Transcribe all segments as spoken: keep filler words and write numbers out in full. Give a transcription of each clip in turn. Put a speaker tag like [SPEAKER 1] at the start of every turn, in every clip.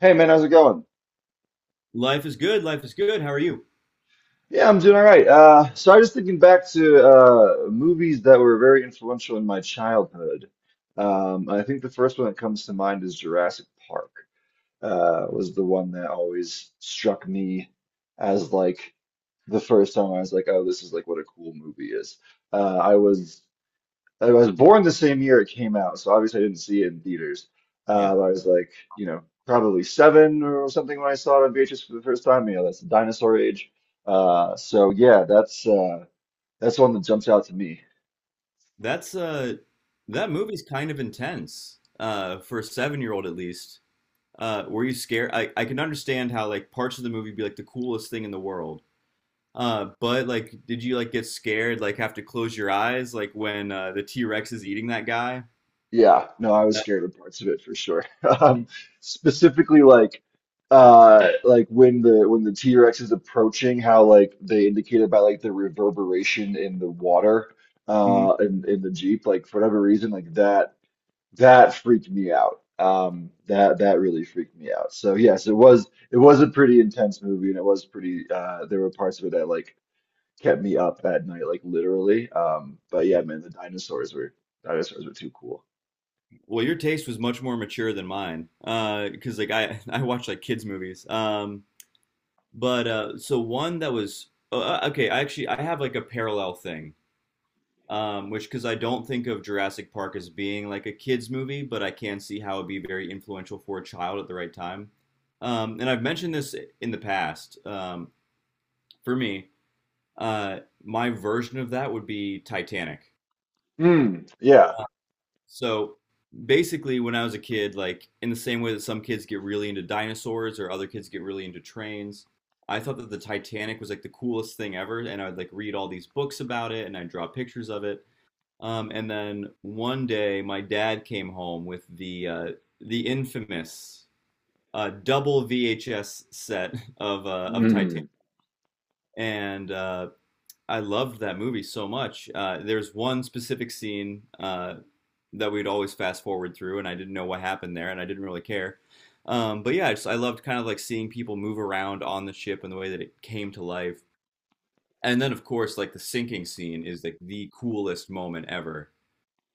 [SPEAKER 1] Hey man, how's it going?
[SPEAKER 2] Life is good. Life is good. How are you?
[SPEAKER 1] Yeah, I'm doing all right. Uh, so I was just thinking back to uh, movies that were very influential in my childhood. Um, I think the first one that comes to mind is Jurassic Park. Uh, was the one that always struck me as like the first time I was like, oh, this is like what a cool movie is. Uh, I was I was born the same year it came out, so obviously I didn't see it in theaters. Uh,
[SPEAKER 2] Yeah,
[SPEAKER 1] I was like, you know, probably seven or something when I saw it on V H S for the first time. You know, that's the dinosaur age. Uh, so yeah, that's uh, that's one that jumps out to me.
[SPEAKER 2] that's uh, that movie's kind of intense uh, for a seven-year-old at least. Uh, were you scared? I I can understand how like parts of the movie be like the coolest thing in the world. Uh, but like, did you like get scared? Like, have to close your eyes like when uh, the T-Rex is eating that guy?
[SPEAKER 1] Yeah, no, I was
[SPEAKER 2] That-
[SPEAKER 1] scared of parts of it for sure. Um, specifically, like, uh, like when the when the T-Rex is approaching, how like they indicated by like the reverberation in the water,
[SPEAKER 2] mhm.
[SPEAKER 1] uh, in in the Jeep, like for whatever reason, like that That freaked me out. Um, that that really freaked me out. So yes, it was it was a pretty intense movie, and it was pretty. Uh, there were parts of it that like kept me up at night, like literally. Um, but yeah, man, the dinosaurs were dinosaurs were too cool.
[SPEAKER 2] Well, your taste was much more mature than mine. Uh, because like I I watch like kids movies. Um, but uh, so one that was uh, uh, okay. I actually I have like a parallel thing. um, which because I don't think of Jurassic Park as being like a kids movie, but I can see how it'd be very influential for a child at the right time. Um, and I've mentioned this in the past. Um, for me, uh, my version of that would be Titanic.
[SPEAKER 1] Mm, yeah.
[SPEAKER 2] So basically, when I was a kid, like in the same way that some kids get really into dinosaurs or other kids get really into trains, I thought that the Titanic was like the coolest thing ever, and I'd like read all these books about it and I'd draw pictures of it. Um, and then one day, my dad came home with the uh, the infamous uh, double V H S set of uh, of Titanic,
[SPEAKER 1] Mm,
[SPEAKER 2] and uh, I loved that movie so much. Uh, there's one specific scene uh, that we'd always fast forward through, and I didn't know what happened there, and I didn't really care. Um, but yeah, I just I loved kind of like seeing people move around on the ship and the way that it came to life. And then, of course, like the sinking scene is like the coolest moment ever.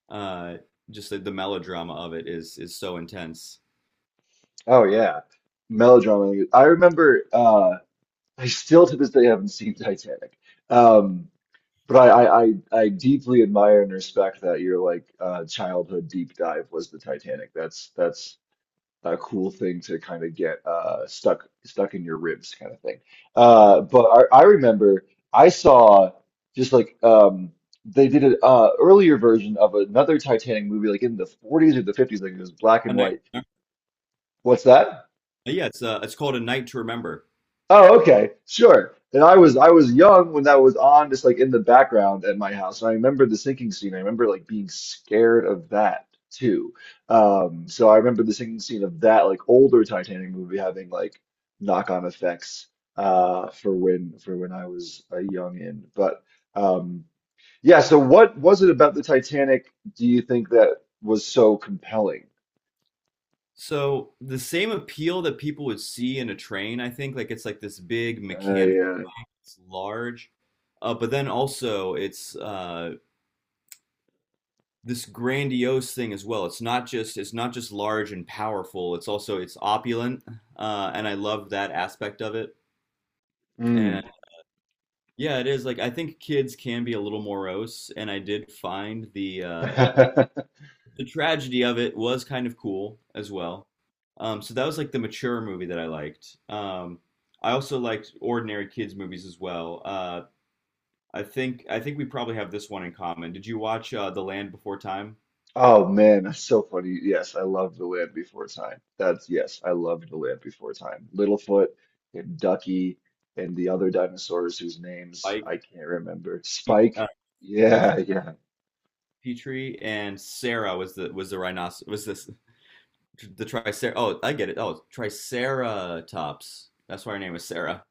[SPEAKER 2] Uh, just the, the melodrama of it is is so intense.
[SPEAKER 1] oh yeah. Melodrama. I remember. Uh, I still to this day haven't seen Titanic. Um, but I, I I I deeply admire and respect that your like uh, childhood deep dive was the Titanic. That's that's a cool thing to kind of get uh, stuck stuck in your ribs kind of thing.
[SPEAKER 2] Uh,
[SPEAKER 1] Uh, but I, I remember I saw just like um, they did an uh, earlier version of another Titanic movie, like in the forties or the fifties, like it was black
[SPEAKER 2] a
[SPEAKER 1] and
[SPEAKER 2] night,
[SPEAKER 1] white. What's that?
[SPEAKER 2] yeah, it's uh, it's called A Night to Remember.
[SPEAKER 1] Oh, okay, sure. And I was I was young when that was on, just like in the background at my house. And I remember the sinking scene. I remember like being scared of that too. Um, so I remember the sinking scene of that like older Titanic movie having like knock-on effects uh for when for when I was a young in. But um yeah, so what was it about the Titanic do you think that was so compelling?
[SPEAKER 2] So the same appeal that people would see in a train, I think, like it's like this big
[SPEAKER 1] I,
[SPEAKER 2] mechanical,
[SPEAKER 1] uh,
[SPEAKER 2] it's large, uh, but then also it's uh, this grandiose thing as well. It's not just it's not just large and powerful. It's also it's opulent, uh, and I love that aspect of it. And
[SPEAKER 1] mm.
[SPEAKER 2] yeah, it is like I think kids can be a little morose, and I did find the uh, the tragedy of it was kind of cool as well. Um, so that was like the mature movie that I liked. Um, I also liked ordinary kids movies as well. Uh, I think I think we probably have this one in common. Did you watch uh, The Land Before Time?
[SPEAKER 1] Oh man, that's so funny. Yes, I love The Land Before Time. That's yes, I love The Land Before Time. Littlefoot and Ducky and the other dinosaurs whose names
[SPEAKER 2] Like
[SPEAKER 1] I can't remember.
[SPEAKER 2] uh,
[SPEAKER 1] Spike.
[SPEAKER 2] Petrie,
[SPEAKER 1] Yeah, yeah.
[SPEAKER 2] Petrie and Sarah was the was the rhinoceros was this the tricer? Oh, I get it. Oh, Triceratops. That's why her name was Sarah.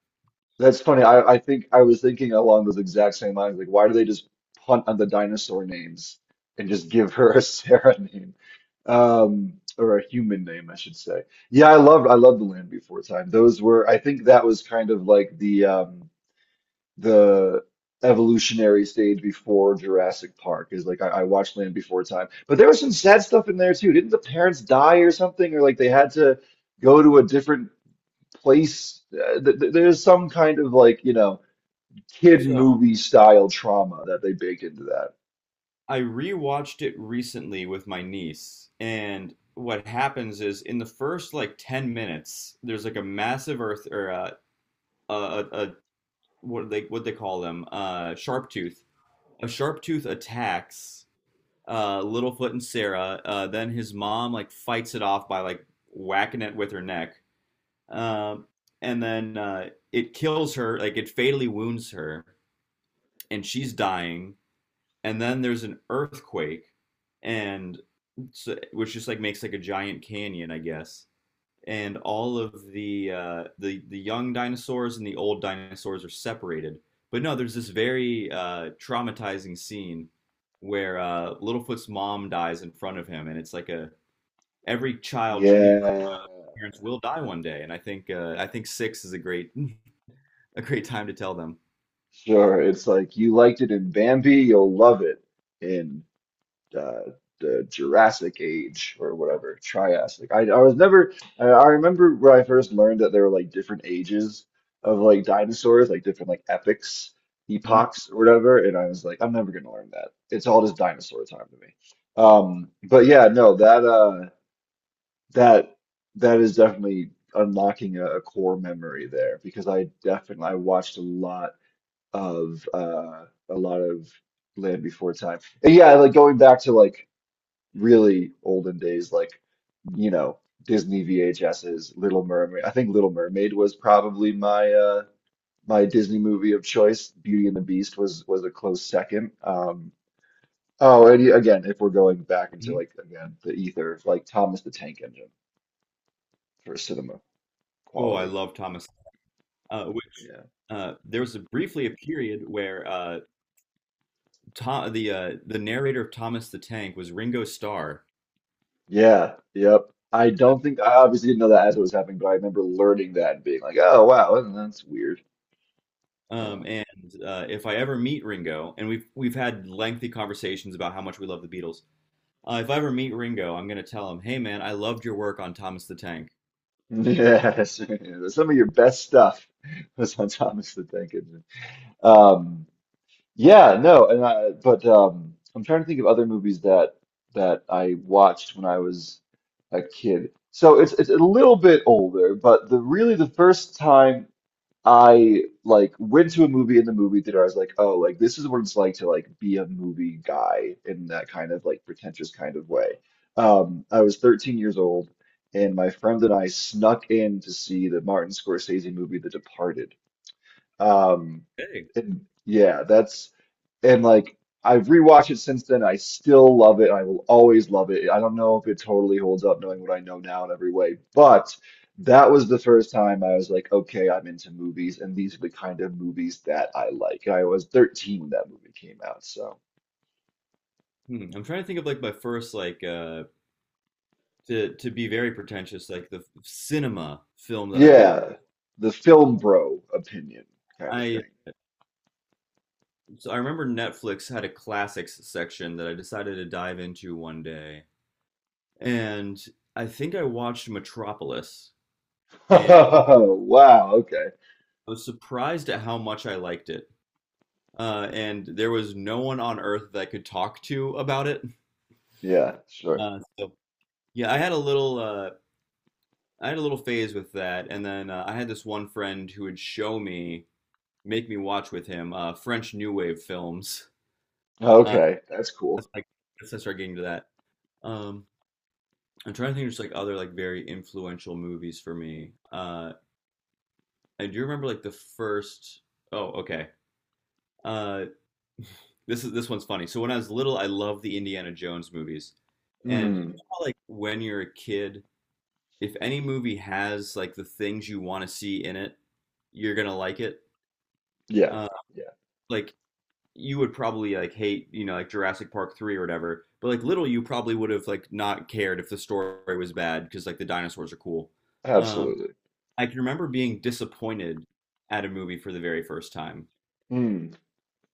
[SPEAKER 1] That's funny. I, I think I was thinking along those exact same lines. Like, why do they just punt on the dinosaur names and just give her a Sarah name? Um, or a human name, I should say. Yeah, I loved I loved The Land Before Time. Those were I think that was kind of like the um the evolutionary stage before Jurassic Park is like I, I watched Land Before Time. But there was some sad stuff in there too. Didn't the parents die or something, or like they had to go to a different place? Uh, th th there's some kind of like, you know, kid
[SPEAKER 2] So
[SPEAKER 1] movie style trauma that they baked into that.
[SPEAKER 2] I rewatched it recently with my niece, and what happens is in the first like ten minutes, there's like a massive earth or a, a, a, a what they what they call them, uh sharp tooth. A sharp tooth attacks uh Littlefoot and Sarah. Uh then his mom like fights it off by like whacking it with her neck. Um and then uh it kills her, like it fatally wounds her, and she's dying. And then there's an earthquake, and so, which just like makes like a giant canyon, I guess. And all of the uh, the the young dinosaurs and the old dinosaurs are separated. But no, there's this very uh, traumatizing scene where uh, Littlefoot's mom dies in front of him, and it's like a every child Neo's
[SPEAKER 1] Yeah,
[SPEAKER 2] parents will die one day, and I think uh, I think six is a great a great time to tell them.
[SPEAKER 1] sure. It's like you liked it in Bambi, you'll love it in. uh, the Jurassic Age or whatever, Triassic. I, I was never, I, I remember when I first learned that there were like different ages of like dinosaurs, like different like epochs,
[SPEAKER 2] Hmm.
[SPEAKER 1] epochs or whatever. And I was like, I'm never gonna learn that. It's all just dinosaur time to me. Um, but yeah, no, that, uh, that, that is definitely unlocking a, a core memory there because I definitely, I watched a lot of, uh, a lot of Land Before Time. And yeah, like going back to like really olden days, like, you know, Disney V H Ses, Little Mermaid. I think Little Mermaid was probably my uh my Disney movie of choice. Beauty and the Beast was was a close second. Um oh, and yeah, again, if we're going back into
[SPEAKER 2] Hmm.
[SPEAKER 1] like again the ether, like Thomas the Tank Engine for cinema
[SPEAKER 2] Oh, I
[SPEAKER 1] quality.
[SPEAKER 2] love Thomas. Uh, which
[SPEAKER 1] Yeah.
[SPEAKER 2] uh, there was a, briefly a period where uh, Tom, the uh, the narrator of Thomas the Tank was Ringo Starr.
[SPEAKER 1] Yeah, yep. I don't think I obviously didn't know that as it was happening, but I remember learning that and being like, "Oh wow, that's weird."
[SPEAKER 2] Um,
[SPEAKER 1] Yeah.
[SPEAKER 2] and uh, if I ever meet Ringo, and we've we've had lengthy conversations about how much we love the Beatles. Uh, if I ever meet Ringo, I'm gonna tell him, "Hey man, I loved your work on Thomas the Tank."
[SPEAKER 1] Yes, some of your best stuff was on Thomas the Tank Engine. Um, yeah, no, and I, but um, I'm trying to think of other movies that that I watched when I was a kid. So it's it's a little bit older, but the really the first time. I like went to a movie in the movie theater. I was like, oh, like this is what it's like to like be a movie guy in that kind of like pretentious kind of way. Um, I was thirteen years old, and my friend and I snuck in to see the Martin Scorsese movie, The Departed. Um,
[SPEAKER 2] Hey.
[SPEAKER 1] and yeah, that's and like I've rewatched it since then. I still love it. I will always love it. I don't know if it totally holds up knowing what I know now in every way, but that was the first time I was like, okay, I'm into movies, and these are the kind of movies that I like. I was thirteen when that movie came out, so
[SPEAKER 2] Hmm, I'm trying to think of like my first like uh, to to be very pretentious like the cinema film that I watched.
[SPEAKER 1] yeah, the film bro opinion kind of
[SPEAKER 2] I
[SPEAKER 1] thing.
[SPEAKER 2] so I remember Netflix had a classics section that I decided to dive into one day, and I think I watched Metropolis, and
[SPEAKER 1] Oh, wow, okay.
[SPEAKER 2] I was surprised at how much I liked it. Uh, and there was no one on earth that I could talk to about it.
[SPEAKER 1] Yeah, sure.
[SPEAKER 2] Uh, so yeah, I had a little uh, I had a little phase with that, and then uh, I had this one friend who would show me, make me watch with him, uh, French New Wave films. Uh,
[SPEAKER 1] Okay, that's cool.
[SPEAKER 2] that's like that's I started getting to that. Um, I'm trying to think of just like other like very influential movies for me. Uh, I do remember like the first. Oh, okay. Uh, This is this one's funny. So when I was little, I loved the Indiana Jones movies. And you
[SPEAKER 1] Hmm.
[SPEAKER 2] know how, like when you're a kid, if any movie has like the things you want to see in it, you're gonna like it.
[SPEAKER 1] Yeah,
[SPEAKER 2] Uh,
[SPEAKER 1] yeah,
[SPEAKER 2] like you would probably like hate, you know, like Jurassic Park three or whatever. But like little you probably would have like not cared if the story was bad because like the dinosaurs are cool. Um,
[SPEAKER 1] absolutely.
[SPEAKER 2] I can remember being disappointed at a movie for the very first time.
[SPEAKER 1] Mm,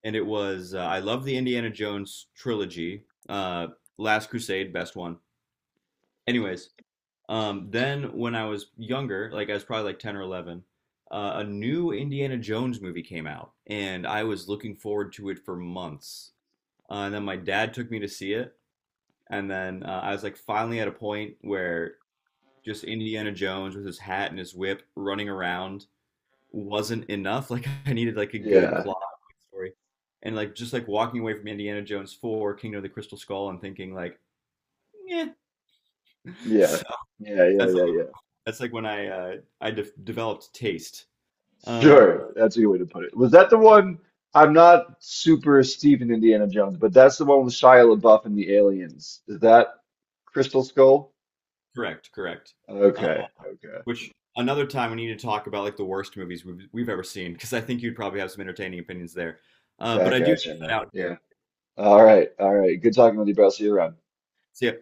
[SPEAKER 2] And it was uh, I love the Indiana Jones trilogy. Uh, Last Crusade, best one. Anyways, um, then when I was younger, like I was probably like ten or eleven, uh, a new Indiana Jones movie came out, and I was looking forward to it for months. Uh, and then my dad took me to see it, and then uh, I was like finally at a point where just Indiana Jones with his hat and his whip running around wasn't enough. Like I needed like a good
[SPEAKER 1] yeah.
[SPEAKER 2] plot story. And like just like walking away from Indiana Jones four, Kingdom of the Crystal Skull and thinking like, yeah.
[SPEAKER 1] Yeah.
[SPEAKER 2] So
[SPEAKER 1] Yeah, yeah,
[SPEAKER 2] that's
[SPEAKER 1] yeah, yeah.
[SPEAKER 2] that's like when I uh I de- developed taste. Um
[SPEAKER 1] Sure. That's a good way to put it. Was that the one? I'm not super steep in Indiana Jones, but that's the one with Shia LaBeouf and the aliens. Is that Crystal Skull?
[SPEAKER 2] correct, correct. Um,
[SPEAKER 1] Okay, okay.
[SPEAKER 2] which Another time we need to talk about like the worst movies we've, we've ever seen because I think you'd probably have some entertaining opinions there. Uh but
[SPEAKER 1] Back
[SPEAKER 2] I do
[SPEAKER 1] at you,
[SPEAKER 2] have
[SPEAKER 1] man.
[SPEAKER 2] that out here.
[SPEAKER 1] Yeah. All right, all right. Good talking with you, bro. See you around.
[SPEAKER 2] So yeah,